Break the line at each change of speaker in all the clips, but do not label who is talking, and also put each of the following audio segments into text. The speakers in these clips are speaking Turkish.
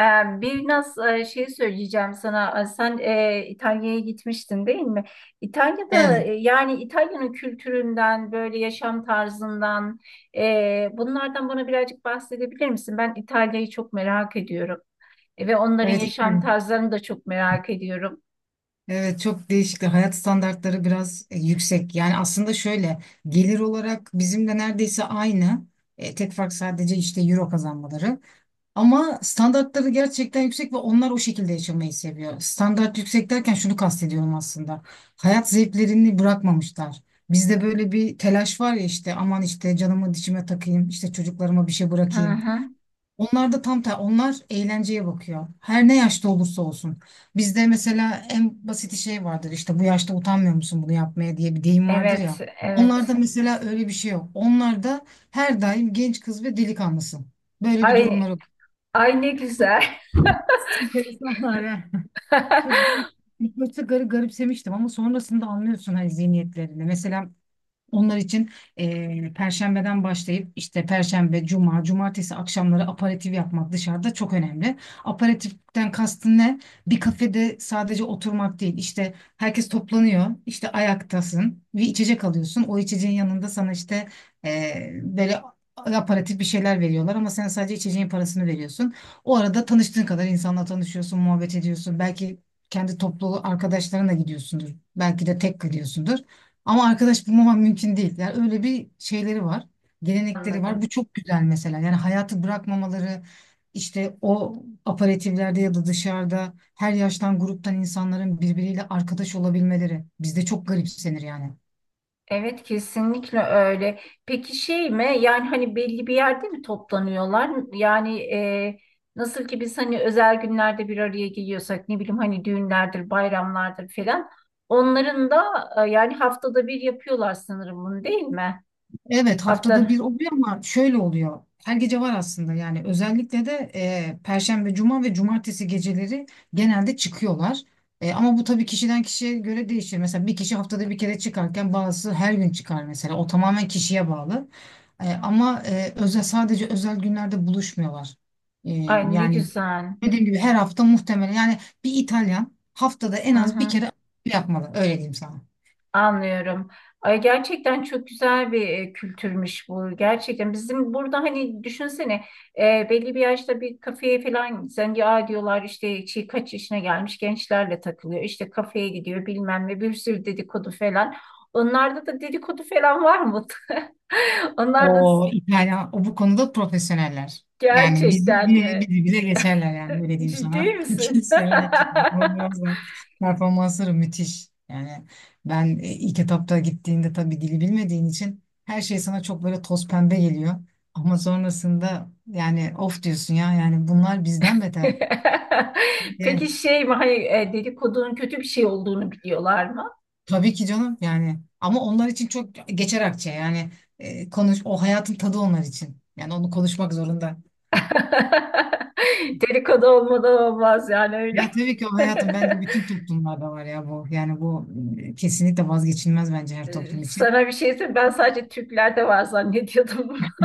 Ee, Bir nasıl şey söyleyeceğim sana. Sen İtalya'ya gitmiştin değil mi? İtalya'da
Evet,
yani İtalya'nın kültüründen, böyle yaşam tarzından, bunlardan bana birazcık bahsedebilir misin? Ben İtalya'yı çok merak ediyorum. Ve onların
evet,
yaşam
yani
tarzlarını da çok merak ediyorum.
evet, çok değişik. Hayat standartları biraz yüksek. Yani aslında şöyle, gelir olarak bizimle neredeyse aynı. Tek fark sadece işte euro kazanmaları. Ama standartları gerçekten yüksek ve onlar o şekilde yaşamayı seviyor. Standart yüksek derken şunu kastediyorum aslında. Hayat zevklerini bırakmamışlar. Bizde böyle bir telaş var ya, işte aman işte canımı dişime takayım, işte çocuklarıma bir şey
Hı
bırakayım.
hı.
Onlar da onlar eğlenceye bakıyor. Her ne yaşta olursa olsun. Bizde mesela en basit şey vardır, işte bu yaşta utanmıyor musun bunu yapmaya diye bir deyim vardır
Evet,
ya.
evet.
Onlarda mesela öyle bir şey yok. Onlarda her daim genç kız ve delikanlısın. Böyle bir
Ay,
durumları.
ay ne güzel.
Enteresanlar ha. Çok büyük. İlk başta garipsemiştim ama sonrasında anlıyorsun hani zihniyetlerini. Mesela onlar için Perşembeden başlayıp işte Perşembe, Cuma, Cumartesi akşamları aperatif yapmak dışarıda çok önemli. Aperatiften kastın ne? Bir kafede sadece oturmak değil. İşte herkes toplanıyor, işte ayaktasın, bir içecek alıyorsun. O içeceğin yanında sana işte böyle aperatif bir şeyler veriyorlar ama sen sadece içeceğin parasını veriyorsun. O arada tanıştığın kadar insanla tanışıyorsun, muhabbet ediyorsun. Belki kendi topluluğu arkadaşlarına gidiyorsundur. Belki de tek gidiyorsundur. Ama arkadaş bulmamam mümkün değil. Yani öyle bir şeyleri var. Gelenekleri var.
Anladım.
Bu çok güzel mesela. Yani hayatı bırakmamaları, işte o aperatiflerde ya da dışarıda her yaştan gruptan insanların birbiriyle arkadaş olabilmeleri bizde çok garipsenir yani.
Evet, kesinlikle öyle. Peki şey mi? Yani hani belli bir yerde mi toplanıyorlar? Yani, nasıl ki biz hani özel günlerde bir araya geliyorsak, ne bileyim, hani düğünlerdir, bayramlardır falan. Onların da yani haftada bir yapıyorlar sanırım bunu, değil mi?
Evet, haftada bir
Hafta.
oluyor ama şöyle oluyor. Her gece var aslında, yani özellikle de Perşembe, Cuma ve Cumartesi geceleri genelde çıkıyorlar. Ama bu tabii kişiden kişiye göre değişir. Mesela bir kişi haftada bir kere çıkarken bazısı her gün çıkar mesela. O tamamen kişiye bağlı. Ama özel, sadece özel günlerde buluşmuyorlar. E,
Ay ne
Yani
güzel.
dediğim gibi her hafta muhtemelen, yani bir İtalyan haftada en
Hı
az bir
hı.
kere yapmalı. Öyle diyeyim sana.
Anlıyorum. Ay gerçekten çok güzel bir kültürmüş bu. Gerçekten bizim burada hani düşünsene, belli bir yaşta bir kafeye falan sen, ya diyorlar işte şey, kaç yaşına gelmiş gençlerle takılıyor. İşte kafeye gidiyor bilmem ne, bir sürü dedikodu falan. Onlarda da dedikodu falan var mı? Onlar da
O İtalyan, o bu konuda profesyoneller. Yani bizi,
gerçekten
bizi,
mi?
bizi bize geçerler yani, öyle diyeyim
Ciddi
sana.
misin?
Kesinlikle performansları müthiş. Yani ben ilk etapta gittiğinde tabii dili bilmediğin için her şey sana çok böyle toz pembe geliyor. Ama sonrasında yani of diyorsun ya, yani bunlar bizden beter.
Peki
Yani
şey mi, hani dedikodunun kötü bir şey olduğunu biliyorlar mı?
tabii ki canım, yani ama onlar için çok geçer akçe yani, konuş, o hayatın tadı onlar için. Yani onu konuşmak zorunda.
Dedikodu olmadan olmaz yani, öyle.
Ya tabii ki, o hayatım bence bütün toplumlarda var ya bu. Yani bu kesinlikle vazgeçilmez bence her toplum için.
Sana bir şey söyleyeyim. Ben sadece Türklerde var zannediyordum bunu.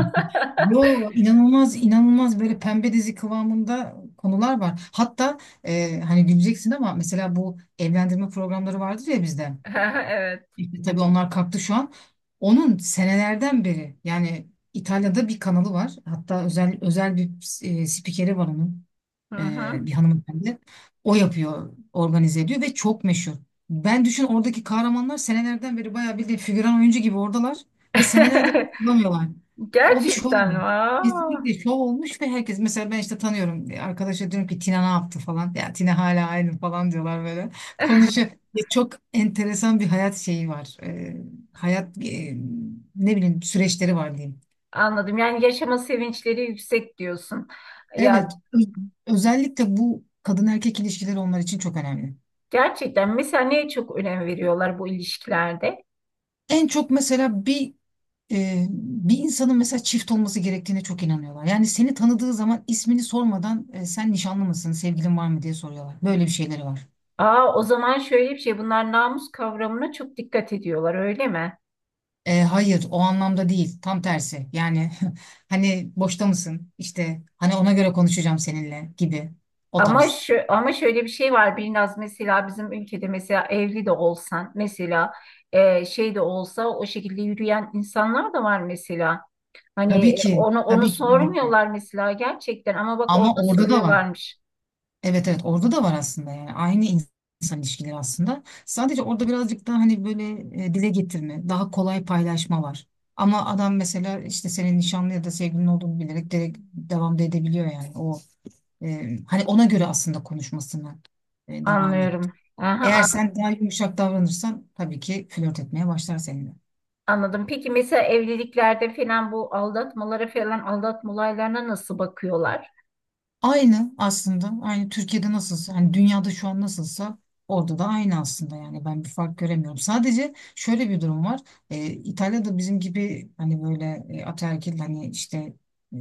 Yo, inanılmaz inanılmaz, böyle pembe dizi kıvamında konular var. Hatta hani güleceksin ama mesela bu evlendirme programları vardır ya bizde.
Evet.
İşte tabii onlar kalktı şu an. Onun senelerden beri, yani İtalya'da bir kanalı var. Hatta özel özel bir spikeri var onun.
Hı hı.
Bir hanımefendi. O yapıyor, organize ediyor ve çok meşhur. Ben düşün, oradaki kahramanlar senelerden beri bayağı bildiğin figüran oyuncu gibi oradalar ve senelerdir bulamıyorlar. O bir şov
Gerçekten.
olmuş.
Aa,
Kesinlikle şov olmuş ve herkes, mesela ben işte tanıyorum arkadaşa diyorum ki Tina ne yaptı falan, ya Tina hala aynı falan diyorlar, böyle konuşuyor. Ya, çok enteresan bir hayat şeyi var. Hayat ne bileyim süreçleri var, diyeyim.
anladım. Yani yaşama sevinçleri yüksek diyorsun.
Evet,
Ya,
özellikle bu kadın erkek ilişkileri onlar için çok önemli.
gerçekten mesela neye çok önem veriyorlar bu ilişkilerde?
En çok mesela bir insanın mesela çift olması gerektiğine çok inanıyorlar. Yani seni tanıdığı zaman ismini sormadan, sen nişanlı mısın, sevgilin var mı diye soruyorlar. Böyle bir şeyleri var.
Aa, o zaman şöyle bir şey, bunlar namus kavramına çok dikkat ediyorlar, öyle mi?
Hayır, o anlamda değil. Tam tersi. Yani hani boşta mısın, İşte hani ona göre konuşacağım seninle gibi, o
Ama
tarz.
şu, ama şöyle bir şey var biraz, mesela bizim ülkede mesela evli de olsan mesela, şey de olsa o şekilde yürüyen insanlar da var mesela. Hani
Tabii ki,
onu
tabii ki, tabii ki.
sormuyorlar mesela gerçekten, ama bak
Ama
orada
orada da var.
soruyorlarmış.
Evet, evet, orada da var aslında, yani aynı insan ilişkileri aslında. Sadece orada birazcık daha, hani böyle dile getirme, daha kolay paylaşma var. Ama adam mesela işte senin nişanlı ya da sevgilin olduğunu bilerek direkt devam da edebiliyor yani. O hani ona göre aslında konuşmasına devam et.
Anlıyorum. Aha,
Eğer sen daha yumuşak davranırsan tabii ki flört etmeye başlar seninle.
anladım. Peki mesela evliliklerde falan bu aldatmalara falan, aldatma olaylarına nasıl bakıyorlar?
Aynı aslında. Aynı Türkiye'de nasılsa, hani dünyada şu an nasılsa, orada da aynı aslında, yani ben bir fark göremiyorum. Sadece şöyle bir durum var. İtalya'da bizim gibi hani böyle ataerkil, hani işte e,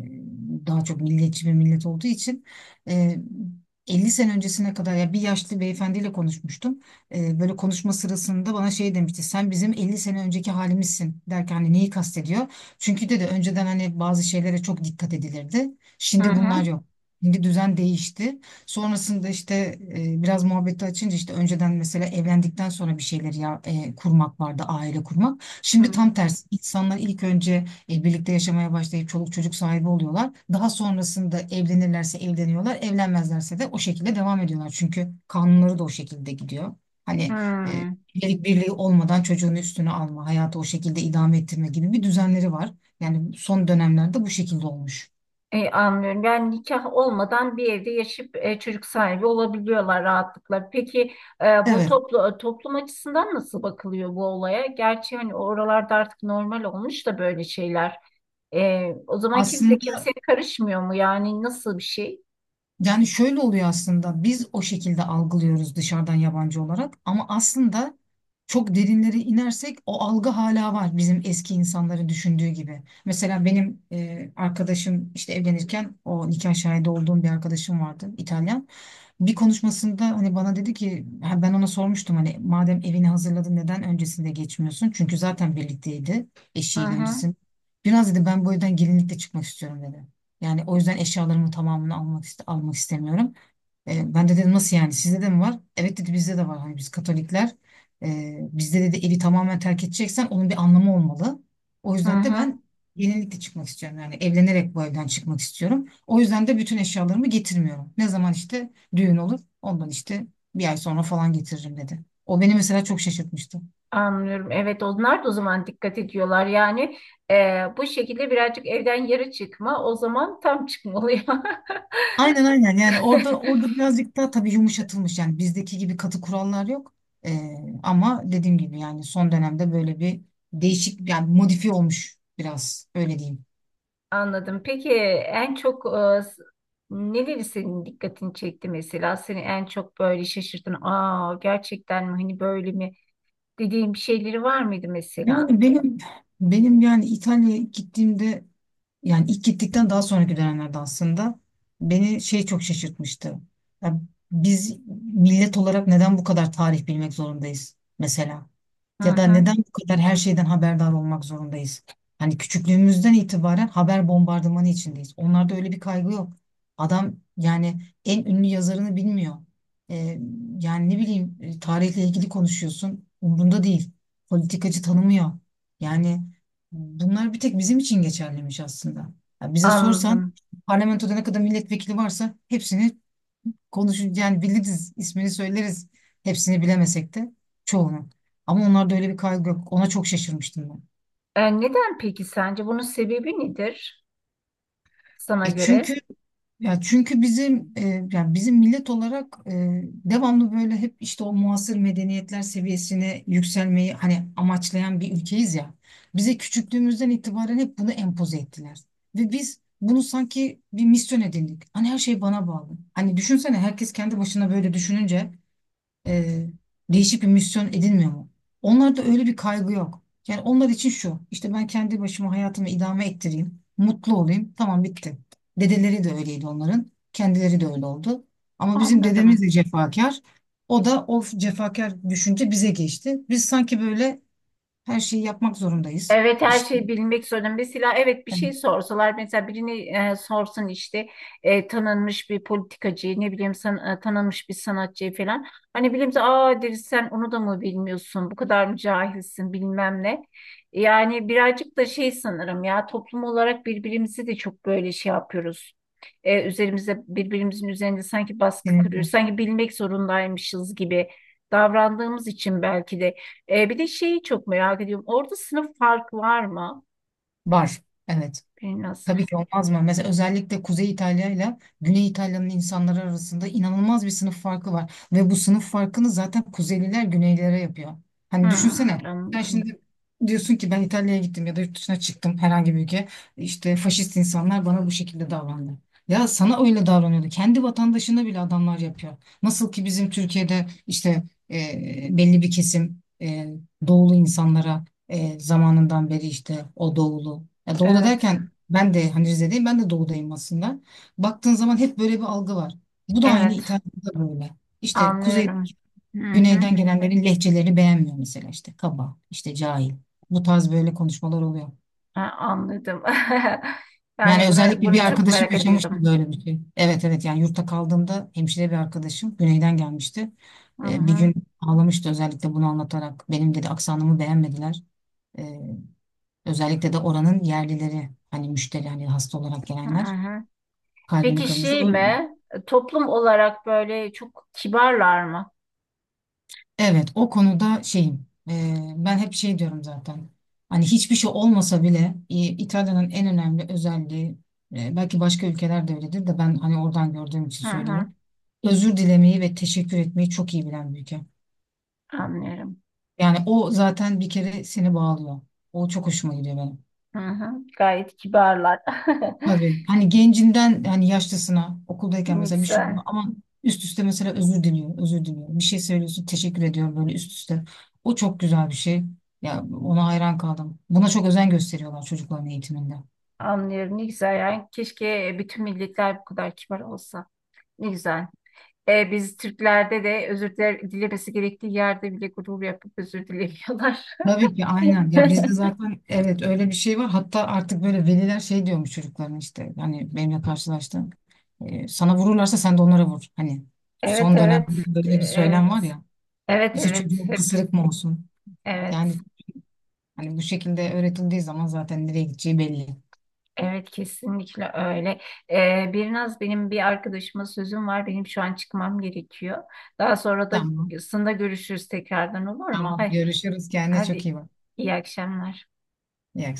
daha çok milliyetçi bir millet olduğu için e, 50 sene öncesine kadar, ya bir yaşlı beyefendiyle konuşmuştum. Böyle konuşma sırasında bana şey demişti. Sen bizim 50 sene önceki halimizsin derken hani neyi kastediyor? Çünkü dedi önceden hani bazı şeylere çok dikkat edilirdi.
Hı
Şimdi bunlar
hı.
yok. Şimdi düzen değişti. Sonrasında işte biraz muhabbeti açınca, işte önceden mesela evlendikten sonra bir şeyler ya kurmak vardı, aile kurmak.
Hı
Şimdi tam tersi. İnsanlar ilk önce birlikte yaşamaya başlayıp çoluk çocuk sahibi oluyorlar. Daha sonrasında evlenirlerse evleniyorlar, evlenmezlerse de o şekilde devam ediyorlar. Çünkü kanunları da o şekilde gidiyor.
hı.
Hani e,
Hı.
evlilik birliği olmadan çocuğunu üstüne alma, hayatı o şekilde idame ettirme gibi bir düzenleri var. Yani son dönemlerde bu şekilde olmuş.
E, anlıyorum. Yani nikah olmadan bir evde yaşayıp çocuk sahibi olabiliyorlar rahatlıkla. Peki
Evet.
toplum açısından nasıl bakılıyor bu olaya? Gerçi hani oralarda artık normal olmuş da böyle şeyler. E, o zaman kimse
Aslında,
kimseye karışmıyor mu? Yani nasıl bir şey?
yani şöyle oluyor aslında, biz o şekilde algılıyoruz dışarıdan yabancı olarak, ama aslında çok derinlere inersek o algı hala var, bizim eski insanların düşündüğü gibi. Mesela benim arkadaşım işte evlenirken, o nikah şahidi olduğum bir arkadaşım vardı, İtalyan. Bir konuşmasında hani bana dedi ki ha, ben ona sormuştum hani madem evini hazırladın neden öncesinde geçmiyorsun? Çünkü zaten birlikteydi
Hı
eşiyle
hı.
öncesinde. Biraz, dedi, ben bu evden gelinlikle çıkmak istiyorum, dedi. Yani o yüzden eşyalarımın tamamını almak istemiyorum. Ben de dedim, nasıl yani, sizde de mi var? Evet, dedi, bizde de var. Hani biz Katolikler, bizde, dedi, evi tamamen terk edeceksen onun bir anlamı olmalı. O
Hı
yüzden de
hı.
ben yenilikle çıkmak istiyorum. Yani evlenerek bu evden çıkmak istiyorum. O yüzden de bütün eşyalarımı getirmiyorum. Ne zaman işte düğün olur, ondan işte bir ay sonra falan getiririm, dedi. O beni mesela çok şaşırtmıştı.
Anlıyorum. Evet, onlar da o zaman dikkat ediyorlar. Yani bu şekilde birazcık evden yarı çıkma, o zaman tam çıkma oluyor.
Aynen, aynen, yani orada birazcık daha tabii yumuşatılmış, yani bizdeki gibi katı kurallar yok. Ee, Ama dediğim gibi, yani son dönemde böyle bir değişik, yani modifiye olmuş biraz, öyle diyeyim.
Anladım. Peki en çok e, s- neleri senin dikkatini çekti mesela? Seni en çok böyle şaşırtan, aa gerçekten mi, hani böyle mi dediğim bir şeyleri var mıydı mesela?
Yani benim, yani İtalya'ya gittiğimde, yani ilk gittikten daha sonraki dönemlerde aslında beni şey çok şaşırtmıştı. Ya biz millet olarak neden bu kadar tarih bilmek zorundayız mesela?
Hı
Ya da
hı,
neden bu kadar her şeyden haberdar olmak zorundayız? Hani küçüklüğümüzden itibaren haber bombardımanı içindeyiz. Onlarda öyle bir kaygı yok. Adam yani en ünlü yazarını bilmiyor. Ee, Yani ne bileyim, tarihle ilgili konuşuyorsun, umrunda değil. Politikacı tanımıyor. Yani bunlar bir tek bizim için geçerliymiş aslında. Ya bize sorsan
anladım.
parlamentoda ne kadar milletvekili varsa hepsini konuşur, yani biliriz, ismini söyleriz. Hepsini bilemesek de çoğunu. Ama onlarda öyle bir kaygı yok. Ona çok şaşırmıştım ben.
E, neden peki sence? Bunun sebebi nedir sana
E
göre?
çünkü Ya çünkü bizim, yani bizim millet olarak devamlı böyle hep işte o muasır medeniyetler seviyesine yükselmeyi hani amaçlayan bir ülkeyiz ya. Bize küçüklüğümüzden itibaren hep bunu empoze ettiler. Ve biz bunu sanki bir misyon edindik. Hani her şey bana bağlı. Hani düşünsene herkes kendi başına böyle düşününce e, değişik bir misyon edinmiyor mu? Onlarda öyle bir kaygı yok. Yani onlar için şu, işte ben kendi başıma hayatımı idame ettireyim, mutlu olayım, tamam, bitti. Dedeleri de öyleydi onların, kendileri de öyle oldu. Ama bizim
Anladım.
dedemiz de cefakar. O da o cefakar düşünce bize geçti. Biz sanki böyle her şeyi yapmak zorundayız.
Evet, her
İşte
şeyi bilmek zorunda. Mesela evet, bir
evet,
şey sorsalar mesela birini, sorsun işte tanınmış bir politikacıyı, ne bileyim tanınmış bir sanatçıyı falan. Hani bilimse aa deriz, sen onu da mı bilmiyorsun, bu kadar mı cahilsin, bilmem ne. Yani birazcık da şey sanırım ya, toplum olarak birbirimizi de çok böyle şey yapıyoruz. E, üzerimize Birbirimizin üzerinde sanki baskı
kesinlikle.
kuruyoruz. Sanki bilmek zorundaymışız gibi davrandığımız için belki de. E, bir de şeyi çok merak ediyorum. Orada sınıf farkı var mı?
Var. Evet.
Biraz.
Tabii ki, olmaz mı? Mesela özellikle Kuzey İtalya ile Güney İtalya'nın insanları arasında inanılmaz bir sınıf farkı var. Ve bu sınıf farkını zaten Kuzeyliler Güneylilere yapıyor. Hani
Hmm,
düşünsene sen
anladım.
şimdi diyorsun ki ben İtalya'ya gittim ya da yurt dışına çıktım herhangi bir ülke. İşte faşist insanlar bana bu şekilde davrandı. Ya sana öyle davranıyordu. Kendi vatandaşına bile adamlar yapıyor. Nasıl ki bizim Türkiye'de işte belli bir kesim doğulu insanlara zamanından beri işte o doğulu. Ya doğuda
Evet.
derken ben de hani Rize'deyim, ben de doğudayım aslında. Baktığın zaman hep böyle bir algı var. Bu da aynı
Evet.
İtalya'da böyle. İşte kuzey,
Anlıyorum. Hı hı.
güneyden gelenlerin lehçelerini beğenmiyor mesela, işte kaba, işte cahil. Bu tarz böyle konuşmalar oluyor.
Ha, anladım.
Yani
Yani bunu
özellikle bir
bunu çok
arkadaşım
merak
yaşamıştı
ediyordum.
böyle bir şey. Evet, evet, yani yurtta kaldığımda hemşire bir arkadaşım güneyden gelmişti.
Hı
Bir
hı.
gün ağlamıştı özellikle bunu anlatarak. Benim, dedi, aksanımı beğenmediler. E, Özellikle de oranın yerlileri, hani müşteri, hani hasta olarak
Hı
gelenler
hı.
kalbini
Peki
kırmış.
şey mi? Toplum olarak böyle çok kibarlar mı?
Evet, o konuda şeyim, ben hep şey diyorum zaten, hani hiçbir şey olmasa bile İtalya'nın en önemli özelliği, belki başka ülkelerde öyledir de ben hani oradan gördüğüm için
Hı hı.
söylüyorum. Özür dilemeyi ve teşekkür etmeyi çok iyi bilen bir ülke.
Anlıyorum.
Yani o zaten bir kere seni bağlıyor. O çok hoşuma gidiyor benim.
Hı hı. Gayet kibarlar.
Tabii. Hani gencinden hani yaşlısına, okuldayken
Ne
mesela bir şey
güzel.
oldu ama üst üste mesela özür diliyor, özür diliyor. Bir şey söylüyorsun, teşekkür ediyorum, böyle üst üste. O çok güzel bir şey. Ya, ona hayran kaldım. Buna çok özen gösteriyorlar çocukların eğitiminde.
Anlıyorum. Ne güzel. Yani keşke bütün milletler bu kadar kibar olsa. Ne güzel. E, biz Türklerde de dilemesi gerektiği yerde bile gurur yapıp özür dilemiyorlar.
Tabii ki, aynen. Ya bizde zaten evet öyle bir şey var. Hatta artık böyle veliler şey diyormuş çocukların işte, hani benimle karşılaştığım. Sana vururlarsa sen de onlara vur. Hani
Evet,
son
evet,
dönemde böyle bir
evet,
söylem var ya.
evet,
İşte
evet,
çocuğun
hep
kısırık mı olsun? Yani
evet,
hani bu şekilde öğretildiği zaman zaten nereye gideceği belli.
evet, kesinlikle öyle. Bir benim bir arkadaşıma sözüm var, benim şu an çıkmam gerekiyor. Daha sonra da
Tamam.
sında görüşürüz tekrardan, olur mu?
Tamam.
Hay,
Görüşürüz. Kendine çok
hadi,
iyi bak.
iyi akşamlar.
İyi akşamlar.